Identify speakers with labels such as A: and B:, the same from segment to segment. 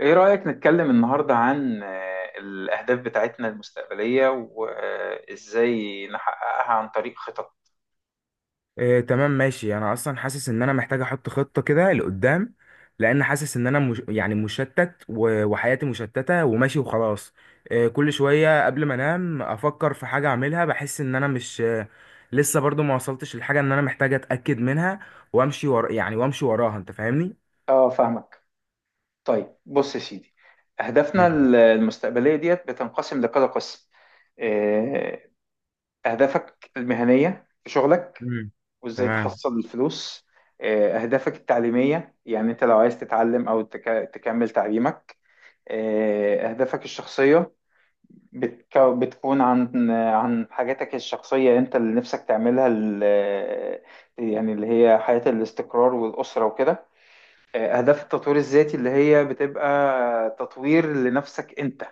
A: ايه رأيك نتكلم النهاردة عن الأهداف بتاعتنا المستقبلية وإزاي نحققها عن طريق خطط.
B: إيه، تمام، ماشي. انا اصلا حاسس ان انا محتاج احط خطة كده لقدام، لان حاسس ان انا مش، يعني، مشتت وحياتي مشتتة وماشي وخلاص. إيه، كل شوية قبل ما انام افكر في حاجة اعملها، بحس ان انا مش لسه برضو ما وصلتش للحاجة ان انا محتاج اتأكد منها وامشي ورا، يعني وامشي وراها، انت فاهمني؟
A: اه، فاهمك. طيب بص يا سيدي، أهدافنا
B: مم.
A: المستقبلية ديت بتنقسم لكذا قسم. آه، أهدافك المهنية في شغلك
B: مم.
A: وإزاي
B: تمام.
A: تحصل الفلوس. أهدافك التعليمية، يعني أنت لو عايز تتعلم أو تكمل تعليمك. أهدافك الشخصية، بتكون عن حاجاتك الشخصية، انت اللي نفسك تعملها يعني اللي هي حياة الاستقرار والأسرة وكده. أهداف التطوير الذاتي اللي هي بتبقى تطوير لنفسك انت.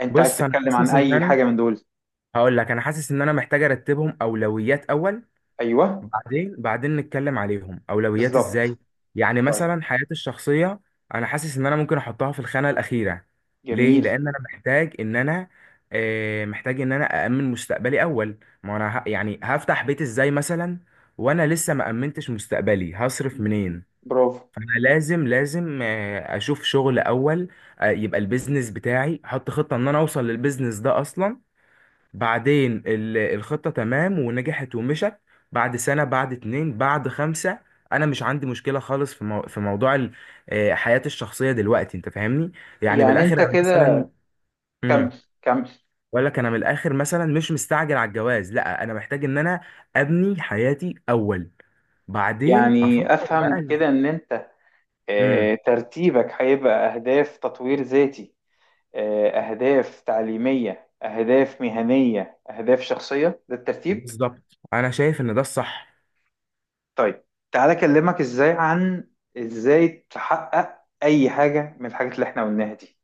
A: انت عايز
B: بص، انا
A: تتكلم عن
B: حاسس ان
A: أي
B: انا،
A: حاجة من دول؟
B: هقول لك، انا حاسس ان انا محتاج ارتبهم اولويات اول،
A: أيوه.
B: بعدين نتكلم عليهم اولويات
A: بالظبط.
B: ازاي. يعني
A: طيب.
B: مثلا حياتي الشخصيه، انا حاسس ان انا ممكن احطها في الخانه الاخيره. ليه؟
A: جميل.
B: لان انا محتاج ان انا، محتاج ان انا امن مستقبلي اول. ما انا يعني هفتح بيت ازاي مثلا وانا لسه ما امنتش مستقبلي؟ هصرف منين؟
A: برافو.
B: فانا لازم، اشوف شغل اول. يبقى البيزنس بتاعي، احط خطه ان انا اوصل للبيزنس ده اصلا. بعدين الخطة تمام ونجحت ومشت، بعد سنة بعد اتنين بعد خمسة. أنا مش عندي مشكلة خالص في في موضوع حياتي الشخصية دلوقتي. أنت فاهمني؟ يعني من
A: يعني
B: الآخر،
A: انت
B: أنا
A: كده،
B: مثلا.
A: كمل،
B: امم.
A: كمل.
B: بقول لك، أنا من الآخر مثلا مش مستعجل على الجواز. لا، أنا محتاج إن أنا أبني حياتي أول، بعدين
A: يعني
B: أفكر
A: أفهم
B: بقى
A: كده
B: إز-
A: ان انت
B: امم.
A: ترتيبك هيبقى أهداف تطوير ذاتي، أهداف تعليمية، أهداف مهنية، أهداف شخصية، ده الترتيب.
B: بالظبط، أنا شايف إن ده الصح.
A: طيب، تعالى أكلمك إزاي عن إزاي تحقق أي حاجة من الحاجات اللي إحنا قلناها دي.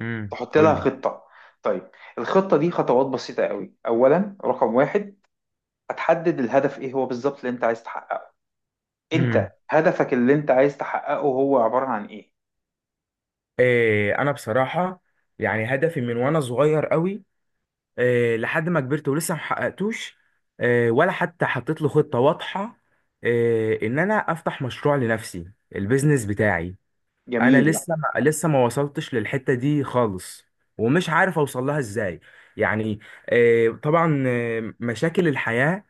B: امم،
A: تحط لها
B: قول لي.
A: خطة. طيب، الخطة دي خطوات بسيطة قوي. أولا، رقم واحد، هتحدد الهدف إيه هو بالظبط اللي أنت عايز تحققه. أنت
B: امم.
A: هدفك اللي أنت عايز تحققه هو عبارة عن إيه؟
B: إيه، أنا بصراحة يعني هدفي من وأنا صغير قوي، لحد ما كبرت ولسه ما حققتوش، ولا حتى حطيت له خطة واضحة، ان انا افتح مشروع لنفسي، البيزنس بتاعي. انا
A: جميل.
B: لسه ما وصلتش للحتة دي خالص، ومش عارف اوصل لها ازاي. يعني، طبعا، مشاكل الحياة،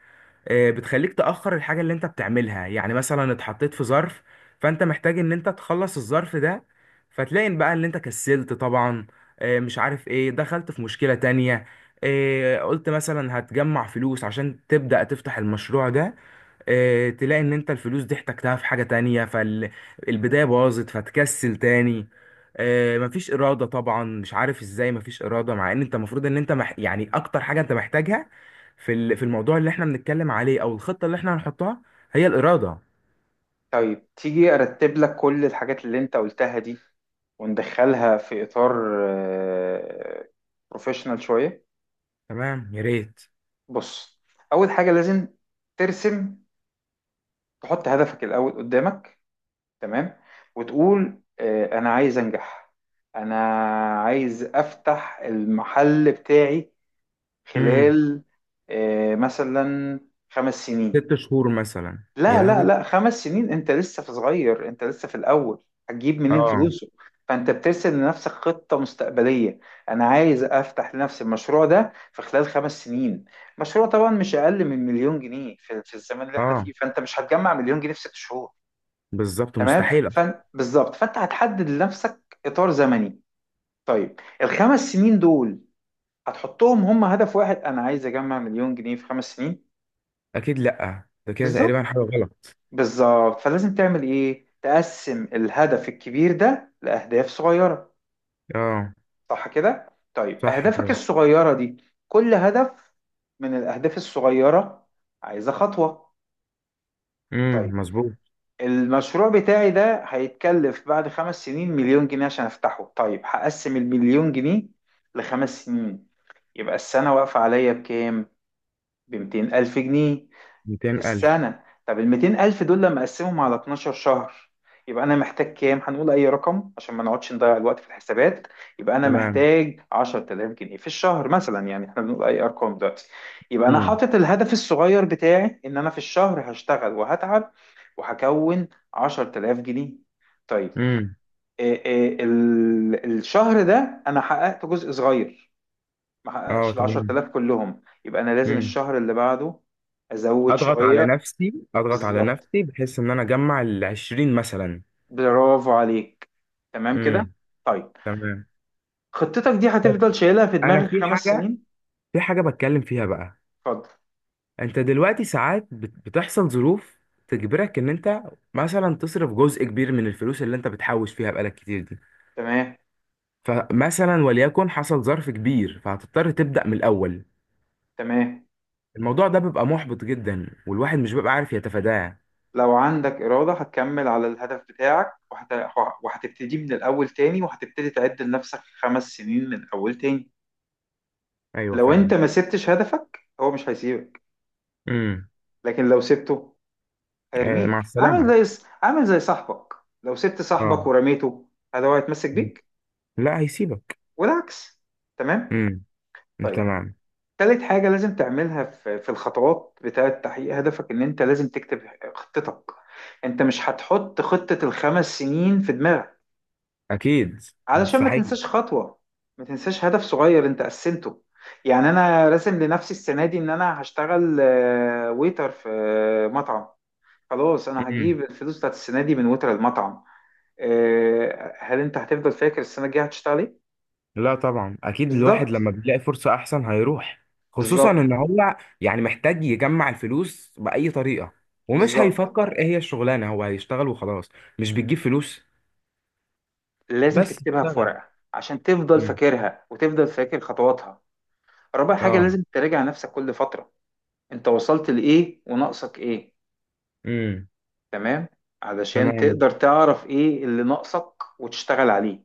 B: بتخليك تأخر الحاجة اللي انت بتعملها. يعني مثلا اتحطيت في ظرف، فانت محتاج ان انت تخلص الظرف ده، فتلاقي إن بقى ان انت كسلت طبعا، مش عارف ايه، دخلت في مشكلة تانية، قلت مثلا هتجمع فلوس عشان تبدأ تفتح المشروع ده، تلاقي ان انت الفلوس دي احتجتها في حاجة تانية، فالبداية باظت، فتكسل تاني. مفيش إرادة طبعا، مش عارف ازاي مفيش إرادة مع ان انت المفروض ان انت يعني اكتر حاجة انت محتاجها في في الموضوع اللي احنا بنتكلم عليه، او الخطة اللي احنا هنحطها، هي الإرادة.
A: طيب تيجي ارتب لك كل الحاجات اللي انت قلتها دي وندخلها في اطار بروفيشنال شويه.
B: تمام، يا ريت.
A: بص، اول حاجه لازم ترسم، تحط هدفك الاول قدامك. تمام. وتقول انا عايز انجح، انا عايز افتح المحل بتاعي
B: امم.
A: خلال مثلا خمس سنين.
B: ست شهور مثلا، يا
A: لا لا
B: لهوي.
A: لا، خمس سنين انت لسه في صغير، انت لسه في الاول. هتجيب منين
B: اه،
A: فلوسه؟ فانت بترسم لنفسك خطة مستقبلية، انا عايز افتح لنفسي المشروع ده في خلال خمس سنين. مشروع طبعا مش اقل من مليون جنيه في الزمن اللي احنا فيه.
B: اه،
A: فانت مش هتجمع مليون جنيه في 6 شهور.
B: بالظبط
A: تمام.
B: مستحيل أصلاً.
A: بالظبط، فانت هتحدد لنفسك اطار زمني. طيب الخمس سنين دول هتحطهم هم هدف واحد، انا عايز اجمع مليون جنيه في خمس سنين.
B: اكيد، لا، ده كده تقريبا
A: بالظبط.
B: حاجة غلط.
A: بالظبط، فلازم تعمل ايه؟ تقسم الهدف الكبير ده لأهداف صغيرة.
B: اه،
A: صح كده. طيب
B: صح
A: أهدافك
B: كده.
A: الصغيرة دي، كل هدف من الأهداف الصغيرة عايزة خطوة.
B: امم،
A: طيب،
B: مظبوط.
A: المشروع بتاعي ده هيتكلف بعد خمس سنين مليون جنيه عشان أفتحه. طيب هقسم المليون جنيه لخمس سنين، يبقى السنة واقفة عليا بكام؟ بمتين ألف جنيه في
B: 200 ألف.
A: السنة. طب ال 200,000 دول لما أقسمهم على 12 شهر يبقى أنا محتاج كام؟ هنقول أي رقم عشان ما نقعدش نضيع الوقت في الحسابات. يبقى أنا
B: تمام.
A: محتاج 10,000 جنيه في الشهر مثلا، يعني إحنا بنقول أي أرقام دلوقتي. يبقى أنا
B: امم.
A: حاطط الهدف الصغير بتاعي إن أنا في الشهر هشتغل وهتعب وهكون 10,000 جنيه. طيب
B: امم.
A: إيه إيه الشهر ده أنا حققت جزء صغير، ما
B: اه.
A: حققتش ال
B: تمام.
A: 10,000 كلهم، يبقى أنا لازم
B: امم.
A: الشهر اللي بعده أزود
B: اضغط على
A: شوية.
B: نفسي، اضغط على
A: بالظبط.
B: نفسي بحيث ان انا اجمع ال 20 مثلا.
A: برافو عليك. تمام كده.
B: امم.
A: طيب
B: تمام.
A: خطتك دي
B: بس
A: هتفضل شايلها في
B: انا
A: دماغك
B: في
A: خمس
B: حاجه
A: سنين.
B: في حاجه بتكلم فيها بقى.
A: اتفضل.
B: انت دلوقتي ساعات بتحصل ظروف تجبرك ان انت مثلا تصرف جزء كبير من الفلوس اللي انت بتحوش فيها بقالك كتير دي.
A: تمام.
B: فمثلا، وليكن حصل ظرف كبير، فهتضطر تبدا من الاول.
A: تمام.
B: الموضوع ده بيبقى محبط جدا، والواحد مش بيبقى عارف يتفاداه.
A: لو عندك إرادة هتكمل على الهدف بتاعك وهتبتدي من الأول تاني، وهتبتدي تعد لنفسك خمس سنين من أول تاني.
B: ايوه،
A: لو أنت
B: فعلا.
A: ما سبتش هدفك هو مش هيسيبك.
B: امم.
A: لكن لو سبته
B: آه،
A: هيرميك،
B: مع السلامه.
A: عامل زي صاحبك. لو سبت صاحبك
B: اه،
A: ورميته، هذا هو هيتمسك بيك،
B: لا هيسيبك.
A: والعكس. تمام.
B: امم.
A: طيب
B: تمام.
A: تالت حاجة لازم تعملها في الخطوات بتاعة تحقيق هدفك، إن أنت لازم تكتب خطتك. أنت مش هتحط خطة الخمس سنين في دماغك،
B: اكيد.
A: علشان ما
B: مستحيل.
A: تنساش خطوة، ما تنساش هدف صغير أنت قسمته. يعني أنا راسم لنفسي السنة دي إن أنا هشتغل ويتر في مطعم، خلاص أنا
B: امم.
A: هجيب الفلوس بتاعت السنة دي من ويتر المطعم. هل أنت هتفضل فاكر السنة الجاية هتشتغل إيه؟
B: لا طبعا، اكيد الواحد
A: بالظبط.
B: لما بيلاقي فرصة احسن هيروح، خصوصا ان
A: بالظبط.
B: هو يعني محتاج يجمع الفلوس بأي طريقة، ومش
A: بالظبط.
B: هيفكر ايه هي الشغلانة، هو هيشتغل وخلاص. مش بتجيب فلوس.
A: لازم
B: بس
A: تكتبها في
B: اشتغل.
A: ورقة عشان تفضل
B: امم.
A: فاكرها وتفضل فاكر خطواتها. رابع حاجة
B: اه.
A: لازم تراجع نفسك كل فترة، انت وصلت لإيه وناقصك إيه.
B: امم.
A: تمام، علشان
B: تمام.
A: تقدر تعرف إيه اللي ناقصك وتشتغل عليه.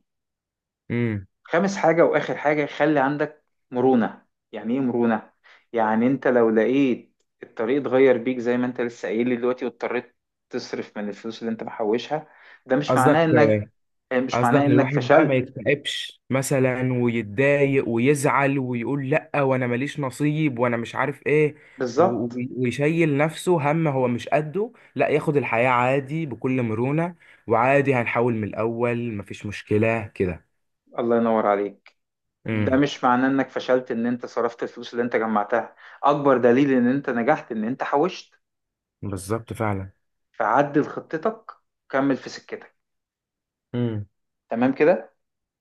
B: امم.
A: خامس حاجة وآخر حاجة، خلي عندك مرونة. يعني إيه مرونة؟ يعني انت لو لقيت الطريق اتغير بيك زي ما انت لسه قايل لي دلوقتي، واضطريت تصرف من الفلوس اللي انت محوشها، ده مش معناه
B: قصدك؟
A: انك، مش
B: قصدك
A: معناه انك
B: الواحد بقى ما
A: فشلت.
B: يكتئبش مثلا، ويتضايق ويزعل، ويقول لأ، وانا ماليش نصيب، وانا مش عارف ايه، و- و-
A: بالظبط.
B: ويشيل نفسه هم هو مش قده. لا، ياخد الحياة عادي بكل مرونة، وعادي هنحاول من الأول، مفيش مشكلة كده.
A: الله ينور عليك. ده
B: امم.
A: مش معناه انك فشلت ان انت صرفت الفلوس اللي انت جمعتها. اكبر دليل ان انت نجحت ان انت حوشت.
B: بالظبط، فعلا.
A: فعدل خطتك، كمل في سكتك.
B: امم.
A: تمام كده.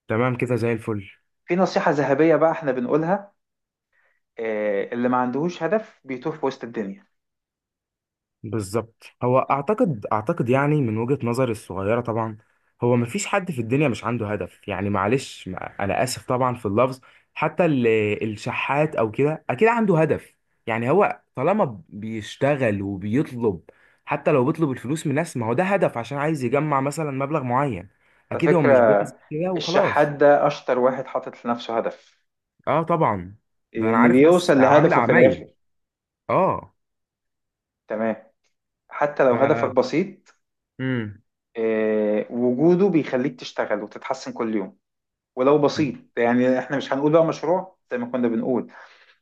B: تمام كده، زي الفل.
A: في نصيحة ذهبية بقى احنا بنقولها، اللي ما عندهوش هدف بيتوه في وسط الدنيا.
B: بالظبط. هو اعتقد يعني من وجهة نظري الصغيرة طبعا، هو مفيش حد في الدنيا مش عنده هدف. يعني معلش، انا اسف طبعا في اللفظ، حتى الشحات او كده اكيد عنده هدف. يعني هو طالما بيشتغل وبيطلب، حتى لو بيطلب الفلوس من ناس، ما هو ده هدف، عشان عايز يجمع مثلا مبلغ معين.
A: على
B: اكيد هو
A: فكرة،
B: مش بينزل كده
A: الشحات
B: وخلاص.
A: ده اشطر واحد حاطط لنفسه هدف،
B: اه، طبعا. ده انا
A: لان
B: عارف ناس
A: بيوصل
B: عاملة
A: لهدفه في الاخر.
B: عمايل. اه.
A: تمام. حتى
B: ف.
A: لو هدفك بسيط،
B: امم.
A: وجوده بيخليك تشتغل وتتحسن كل يوم. ولو بسيط، يعني احنا مش هنقول بقى مشروع زي ما كنا بنقول،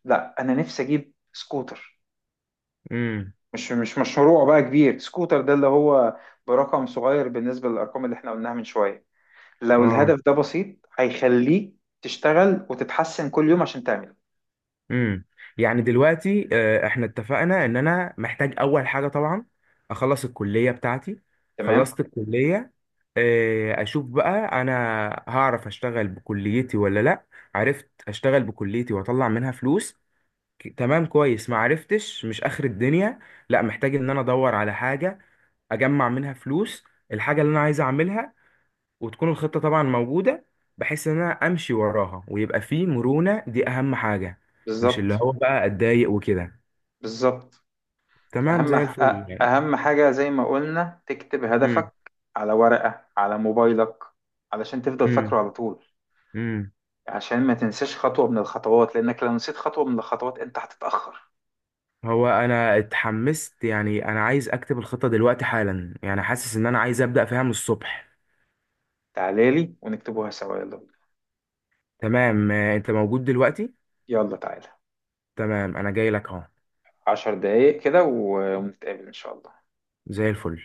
A: لا انا نفسي اجيب سكوتر.
B: امم.
A: مش مشروع بقى كبير، سكوتر ده اللي هو برقم صغير بالنسبة للأرقام اللي احنا قلناها من شوية. لو
B: اه.
A: الهدف ده بسيط هيخليك تشتغل وتتحسن كل يوم عشان تعمله.
B: امم. يعني دلوقتي، احنا اتفقنا ان انا محتاج اول حاجه طبعا اخلص الكليه بتاعتي.
A: تمام.
B: خلصت الكليه، اشوف بقى انا هعرف اشتغل بكليتي ولا لا. عرفت اشتغل بكليتي واطلع منها فلوس، تمام، كويس. ما عرفتش، مش اخر الدنيا، لا، محتاج ان انا ادور على حاجه اجمع منها فلوس، الحاجه اللي انا عايز اعملها، وتكون الخطة طبعا موجودة بحيث ان انا امشي وراها، ويبقى في مرونة، دي اهم حاجة. مش
A: بالظبط.
B: اللي هو بقى اتضايق وكده.
A: بالظبط.
B: تمام،
A: أهم
B: زي
A: أ-
B: الفل يعني.
A: أهم حاجة زي ما قلنا، تكتب
B: امم.
A: هدفك على ورقة، على موبايلك، علشان تفضل فاكره
B: امم.
A: على طول،
B: امم.
A: عشان ما تنساش خطوة من الخطوات، لأنك لو نسيت خطوة من الخطوات أنت هتتأخر.
B: هو انا اتحمست، يعني انا عايز اكتب الخطة دلوقتي حالا، يعني حاسس ان انا عايز ابدأ فيها من الصبح.
A: تعالى لي ونكتبوها سوا، يلا بينا.
B: تمام، انت موجود دلوقتي؟
A: يلا تعالى.
B: تمام، انا جاي لك اهو.
A: 10 دقايق كده ونتقابل إن شاء الله.
B: زي الفل.